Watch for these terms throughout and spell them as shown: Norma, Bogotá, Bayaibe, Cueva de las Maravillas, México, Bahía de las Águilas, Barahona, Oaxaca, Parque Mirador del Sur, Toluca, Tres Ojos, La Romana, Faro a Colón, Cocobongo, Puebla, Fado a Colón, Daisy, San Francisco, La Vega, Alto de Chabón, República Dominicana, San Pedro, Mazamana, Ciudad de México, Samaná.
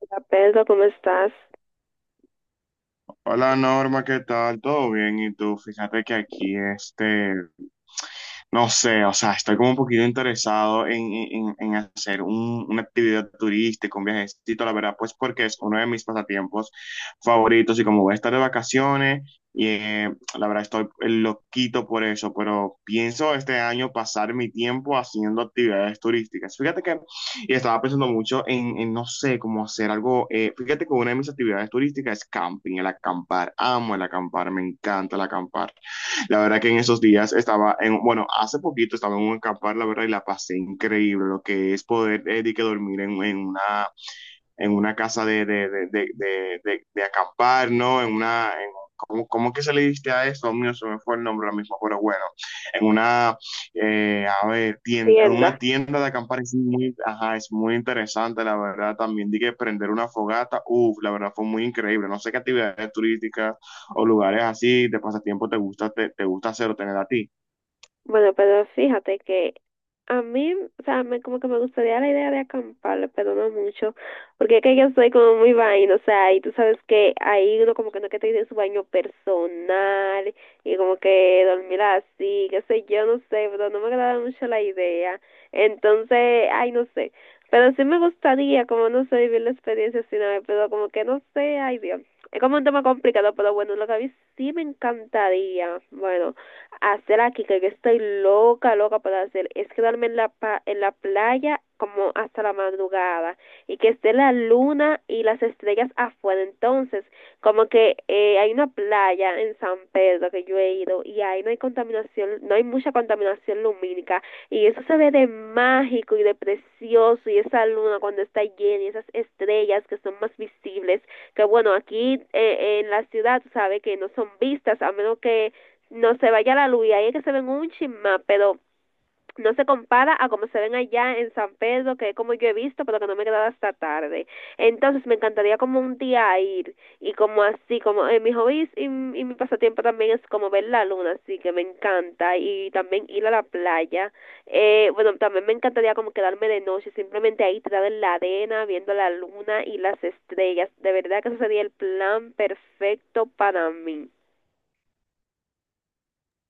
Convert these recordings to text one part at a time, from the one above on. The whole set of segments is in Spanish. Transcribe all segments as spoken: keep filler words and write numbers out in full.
Hola, Pedro, ¿cómo estás? Hola Norma, ¿qué tal? ¿Todo bien? ¿Y tú? Fíjate que aquí este, no sé, o sea, estoy como un poquito interesado en, en, en hacer un, una actividad turística, un viajecito, la verdad, pues porque es uno de mis pasatiempos favoritos y como voy a estar de vacaciones, y eh, la verdad estoy eh, loquito por eso, pero pienso este año pasar mi tiempo haciendo actividades turísticas. Fíjate que y estaba pensando mucho en, en, no sé, cómo hacer algo. Eh, fíjate que una de mis actividades turísticas es camping, el acampar. Amo el acampar, me encanta el acampar. La verdad que en esos días estaba en, bueno, hace poquito estaba en un acampar, la verdad, y la pasé increíble, lo que es poder eh, de que dormir en, en una en una casa de, de, de, de de de, de acampar, ¿no? En una, en, ¿cómo, cómo que se le diste a eso? Mío, se me fue el nombre lo mismo, pero bueno, en una, eh, a ver, tienda, en una Tienda. tienda de acampar es muy, ajá, es muy interesante, la verdad, también dije prender una fogata, uff, la verdad fue muy increíble, no sé qué actividades turísticas o lugares así de pasatiempo te gusta, te, te gusta hacer o tener a ti. Bueno, pero fíjate que a mí, o sea, me, como que me gustaría la idea de acampar, pero no mucho, porque es que yo soy como muy vaina, o sea, y tú sabes que ahí uno como que no que tiene su baño personal y como que dormir así, qué sé yo, no sé, pero no me agrada mucho la idea. Entonces, ay, no sé, pero sí me gustaría, como no sé, vivir la experiencia así una vez, pero como que no sé, ay Dios. Es como un tema complicado, pero bueno, lo que a mí sí me encantaría, bueno hacer aquí, que estoy loca, loca por hacer, es quedarme en la, pa en la playa como hasta la madrugada y que esté la luna y las estrellas afuera. Entonces, como que eh, hay una playa en San Pedro que yo he ido y ahí no hay contaminación, no hay mucha contaminación lumínica y eso se ve de mágico y de precioso y esa luna cuando está llena y esas estrellas que son más visibles, que bueno, aquí eh, en la ciudad, sabe que no son vistas a menos que no se vaya la luz y ahí es que se ven un chisma, pero no se compara a como se ven allá en San Pedro, que es como yo he visto, pero que no me he quedado hasta tarde. Entonces me encantaría como un día ir y como así, como en mis hobbies y, y mi pasatiempo también es como ver la luna, así que me encanta y también ir a la playa. Eh, bueno, también me encantaría como quedarme de noche, simplemente ahí tirada en la arena, viendo la luna y las estrellas. De verdad que ese sería el plan perfecto para mí.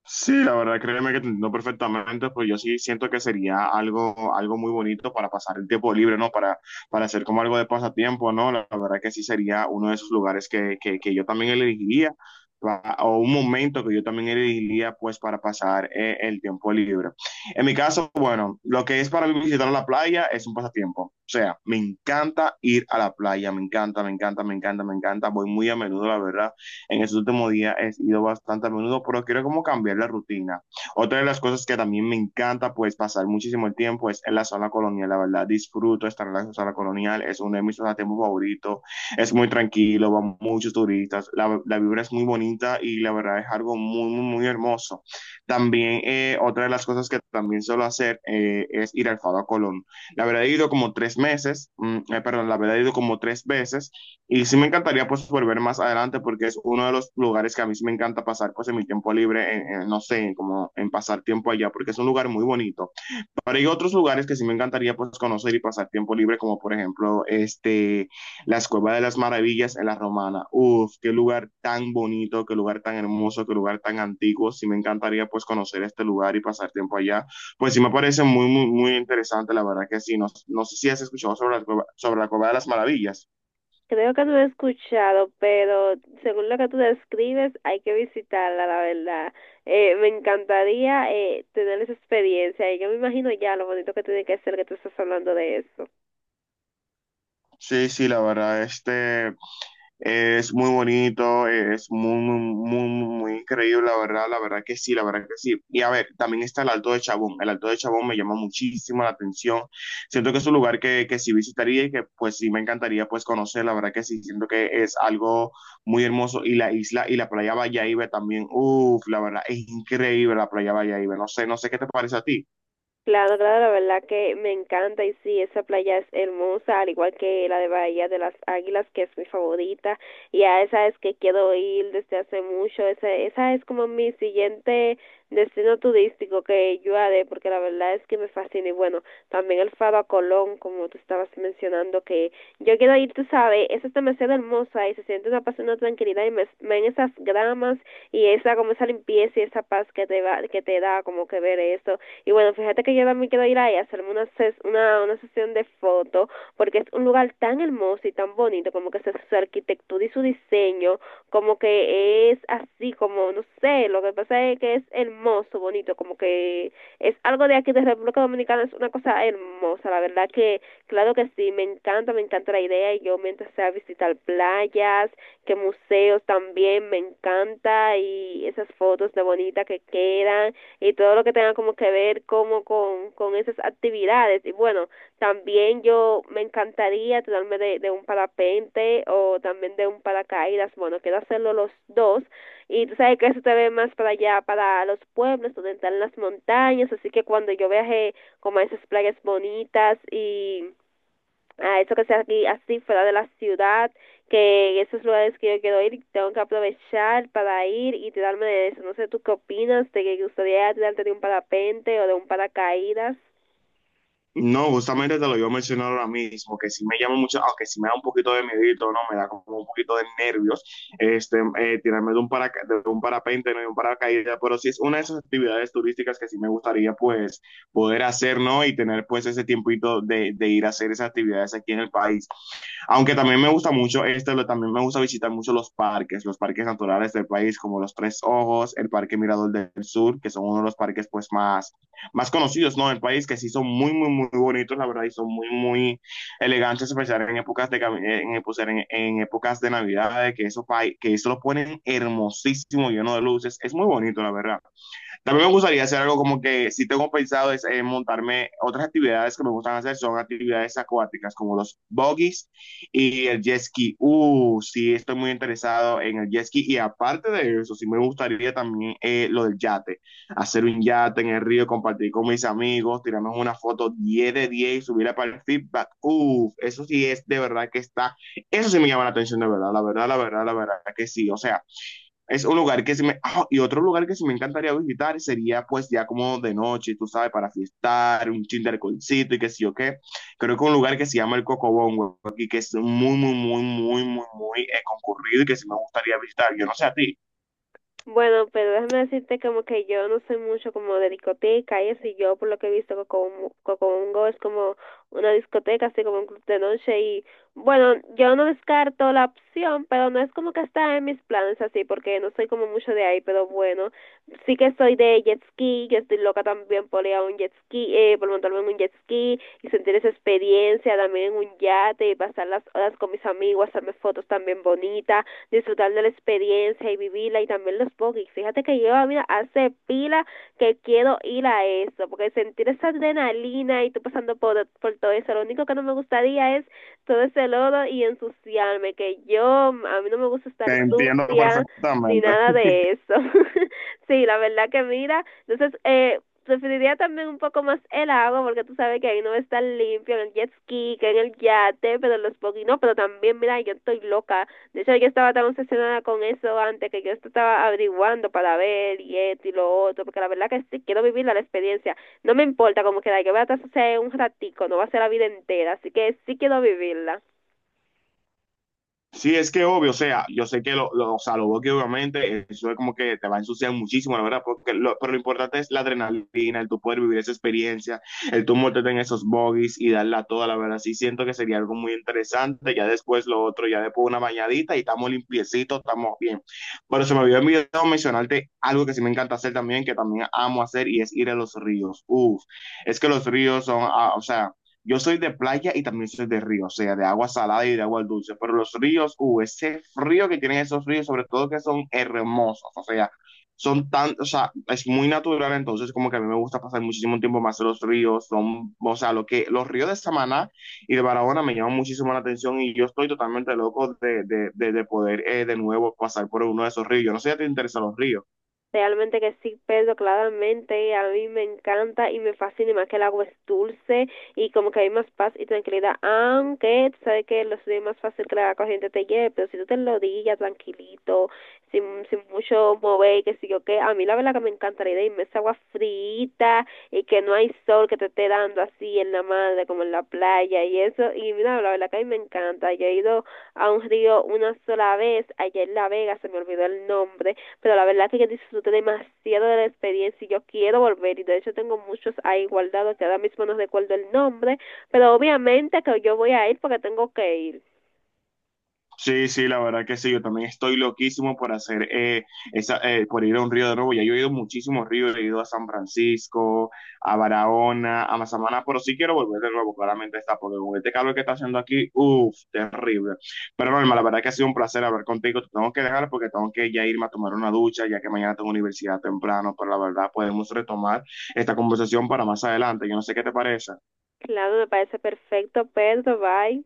Sí, la verdad, créeme que te entiendo perfectamente, pues yo sí siento que sería algo, algo muy bonito para pasar el tiempo libre, ¿no? Para, para hacer como algo de pasatiempo, ¿no? La, la verdad que sí sería uno de esos lugares que, que, que yo también elegiría, pa- o un momento que yo también elegiría, pues, para pasar eh, el tiempo libre. En mi caso, bueno, lo que es para mí visitar la playa es un pasatiempo. O sea, me encanta ir a la playa, me encanta, me encanta, me encanta, me encanta, voy muy a menudo, la verdad en estos últimos días he ido bastante a menudo, pero quiero como cambiar la rutina. Otra de las cosas que también me encanta, pues pasar muchísimo el tiempo es en la zona colonial, la verdad, disfruto estar en la zona colonial, es uno de mis pasatiempos favoritos, es muy tranquilo, van muchos turistas, la, la, vibra es muy bonita y la verdad es algo muy, muy, muy hermoso. También eh, otra de las cosas que también suelo hacer eh, es ir al Fado a Colón. La verdad he ido como tres meses, mm, eh, perdón, la verdad he ido como tres veces y sí me encantaría pues volver más adelante porque es uno de los lugares que a mí sí me encanta pasar pues en mi tiempo libre, en, en, no sé, como en pasar tiempo allá porque es un lugar muy bonito. Pero hay otros lugares que sí me encantaría pues conocer y pasar tiempo libre como por ejemplo este, la Cueva de las Maravillas en La Romana. Uf, qué lugar tan bonito, qué lugar tan hermoso, qué lugar tan antiguo. Sí me encantaría pues conocer este lugar y pasar tiempo allá. Pues sí me parece muy, muy, muy interesante, la verdad que sí. No, no sé si has escuchado sobre la, sobre la Cueva de las Maravillas. Creo que tú lo he escuchado, pero según lo que tú describes, hay que visitarla, la verdad. Eh, me encantaría eh, tener esa experiencia y yo me imagino ya lo bonito que tiene que ser que tú estás hablando de eso. Sí, sí, la verdad, este es muy bonito, es muy, muy, muy, muy increíble, la verdad, la verdad que sí, la verdad que sí. Y a ver, también está el Alto de Chabón. El Alto de Chabón me llama muchísimo la atención. Siento que es un lugar que, que sí visitaría y que pues sí me encantaría pues conocer, la verdad que sí, siento que es algo muy hermoso. Y la isla y la playa Bayaibe también, uff, la verdad, es increíble la playa Bayaibe. No sé, no sé qué te parece a ti. Claro, claro, la verdad que me encanta y sí, esa playa es hermosa, al igual que la de Bahía de las Águilas, que es mi favorita, y a esa es que quiero ir desde hace mucho, esa, esa es como mi siguiente destino turístico que yo haré, porque la verdad es que me fascina, y bueno, también el Faro a Colón, como tú estabas mencionando, que yo quiero ir, tú sabes, esa es demasiado hermosa y se siente una paz y una tranquilidad y me, ven esas gramas y esa, como esa limpieza y esa paz que te, va, que te da como que ver eso y bueno, fíjate que yo también quiero ir ahí a hacerme una, ses- una, una sesión de fotos, porque es un lugar tan hermoso y tan bonito, como que se- su arquitectura y su diseño, como que es así, como, no sé, lo que pasa es que es hermoso, bonito, como que es algo de aquí de República Dominicana, es una cosa hermosa, la verdad que, claro que sí, me encanta, me encanta la idea, y yo mientras sea visitar playas, que museos también me encanta y esas fotos de bonita que quedan y todo lo que tenga como que ver como con, con esas actividades. Y bueno, también yo me encantaría tirarme de, de un parapente o también de un paracaídas. Bueno, quiero hacerlo los dos. Y tú sabes que eso te ve más para allá, para los pueblos, donde están las montañas. Así que cuando yo viaje como a esas playas bonitas y a eso que sea aquí así fuera de la ciudad, que esos lugares que yo quiero ir tengo que aprovechar para ir y tirarme de eso. No sé, ¿tú qué opinas? ¿Te gustaría tirarte de un parapente o de un paracaídas? No, justamente te lo iba a mencionar ahora mismo, que sí me llama mucho, aunque sí me da un poquito de miedito, ¿no? Me da como un poquito de nervios, este, eh, tirarme de un, paraca de un parapente, ¿no? De un paracaídas, pero sí es una de esas actividades turísticas que sí me gustaría, pues, poder hacer, ¿no? Y tener, pues, ese tiempito de, de ir a hacer esas actividades aquí en el país. Aunque también me gusta mucho, este lo- también me gusta visitar mucho los parques, los parques naturales del país, como los Tres Ojos, el Parque Mirador del Sur, que son uno de los parques pues más, más conocidos, ¿no? Del país, que sí son muy, muy, muy bonitos, la verdad, y son muy, muy elegantes, especialmente en épocas de, cami- eh, en, pues, en, en épocas de Navidad, que eso, pa- que eso lo ponen hermosísimo, lleno de luces, es muy bonito, la verdad. También me gustaría hacer algo como que si tengo pensado es eh, montarme otras actividades que me gustan hacer, son actividades acuáticas como los buggies y el jet ski. Uh, sí, estoy muy interesado en el jet ski y aparte de eso, sí me gustaría también eh, lo del yate, hacer un yate en el río, compartir con mis amigos, tirarnos una foto diez de diez y subirla para el feedback. Uh, eso sí es de verdad que está, eso sí me llama la atención de verdad, la verdad, la verdad, la verdad que sí. O sea, es un lugar que sí me... ah, y otro lugar que sí me encantaría visitar sería pues ya como de noche, tú sabes, para fiestar, un chin de alcoholcito y qué sé yo qué. Creo que un lugar que se llama el Cocobongo y que es muy, muy, muy, muy, muy, muy eh, concurrido y que sí me gustaría visitar. Yo no sé a ti. Bueno, pero déjame decirte como que yo no soy mucho como de discoteca y eso, y yo por lo que he visto Cocomu- Cocobongo es como una discoteca, así como un club de noche y bueno, yo no descarto la opción, pero no es como que está en mis planes así, porque no soy como mucho de ahí, pero bueno, sí que soy de jet ski, que estoy loca también por ir a un jet ski, eh, por montarme en un jet ski y sentir esa experiencia, también en un yate y pasar las horas con mis amigos, hacerme fotos también bonitas disfrutar de la experiencia y vivirla y también los pokis. Fíjate que lleva mira, hace pila que quiero ir a eso, porque sentir esa adrenalina y tú pasando por, por todo eso, lo único que no me gustaría es todo ese lodo y ensuciarme, que yo, a mí no me gusta Te estar entiendo sucia ni perfectamente. nada de eso. Sí, la verdad que mira, entonces, eh, preferiría también un poco más el agua porque tú sabes que ahí no va a estar limpio en el jet ski, que en el yate, pero en los poquis no, pero también mira, yo estoy loca de hecho, yo estaba tan obsesionada con eso antes que yo estaba averiguando para ver y esto y lo otro, porque la verdad que sí, quiero vivir la experiencia. No me importa cómo queda, que voy a estar un ratico, no va a ser la vida entera, así que sí quiero vivirla. Sí, es que obvio, o sea, yo sé que lo, lo, o sea, lo veo que obviamente eso es como que te va a ensuciar muchísimo, la verdad, porque lo, pero lo importante es la adrenalina, el tú poder vivir esa experiencia, el tú montarte en esos bogies y darla toda, la verdad, sí siento que sería algo muy interesante, ya después lo otro, ya después una bañadita y estamos limpiecitos, estamos bien. Pero se me había olvidado mencionarte algo que sí me encanta hacer también, que también amo hacer y es ir a los ríos. Uf, es que los ríos son, ah, o sea, yo soy de playa y también soy de río, o sea, de agua salada y de agua dulce, pero los ríos, uh, ese frío que tienen esos ríos, sobre todo que son hermosos, o sea, son tan, o sea, es muy natural, entonces como que a mí me gusta pasar muchísimo tiempo más en los ríos, son, o sea, lo que, los ríos de Samaná y de Barahona me llaman muchísimo la atención y yo estoy totalmente loco de, de, de, de poder eh, de nuevo pasar por uno de esos ríos. Yo no sé si te interesan los ríos. Realmente que sí, Pedro, claramente a mí me encanta y me fascina y más que el agua es dulce y como que hay más paz y tranquilidad, aunque tú sabes que lo es más fácil que la corriente te lleve, pero si tú te lo digas tranquilito, sin, sin mucho mover y que si yo qué, a mí la verdad que me encanta la idea y me esa agua frita y que no hay sol que te esté dando así en la madre como en la playa y eso, y mira, la verdad que a mí me encanta, yo he ido a un río una sola vez, allá en La Vega, se me olvidó el nombre pero la verdad es que yo disfruté demasiado de la experiencia y yo quiero volver y de hecho tengo muchos ahí guardados que ahora mismo no recuerdo el nombre, pero obviamente que yo voy a ir porque tengo que ir. Sí, sí, la verdad que sí, yo también estoy loquísimo por hacer eh, esa, eh, por ir a un río de nuevo. Ya yo he ido a muchísimos ríos, he ido a San Francisco, a Barahona, a Mazamana, pero sí quiero volver de nuevo, claramente está, porque con este calor que está haciendo aquí, uff, terrible. Pero Norma, la verdad que ha sido un placer hablar contigo. Te tengo que dejar porque tengo que ya irme a tomar una ducha, ya que mañana tengo universidad temprano, pero la verdad podemos retomar esta conversación para más adelante. Yo no sé qué te parece. Claro, me parece perfecto, Pedro, bye.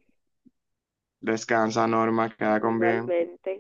Descansa, Norma, queda con bien. Igualmente.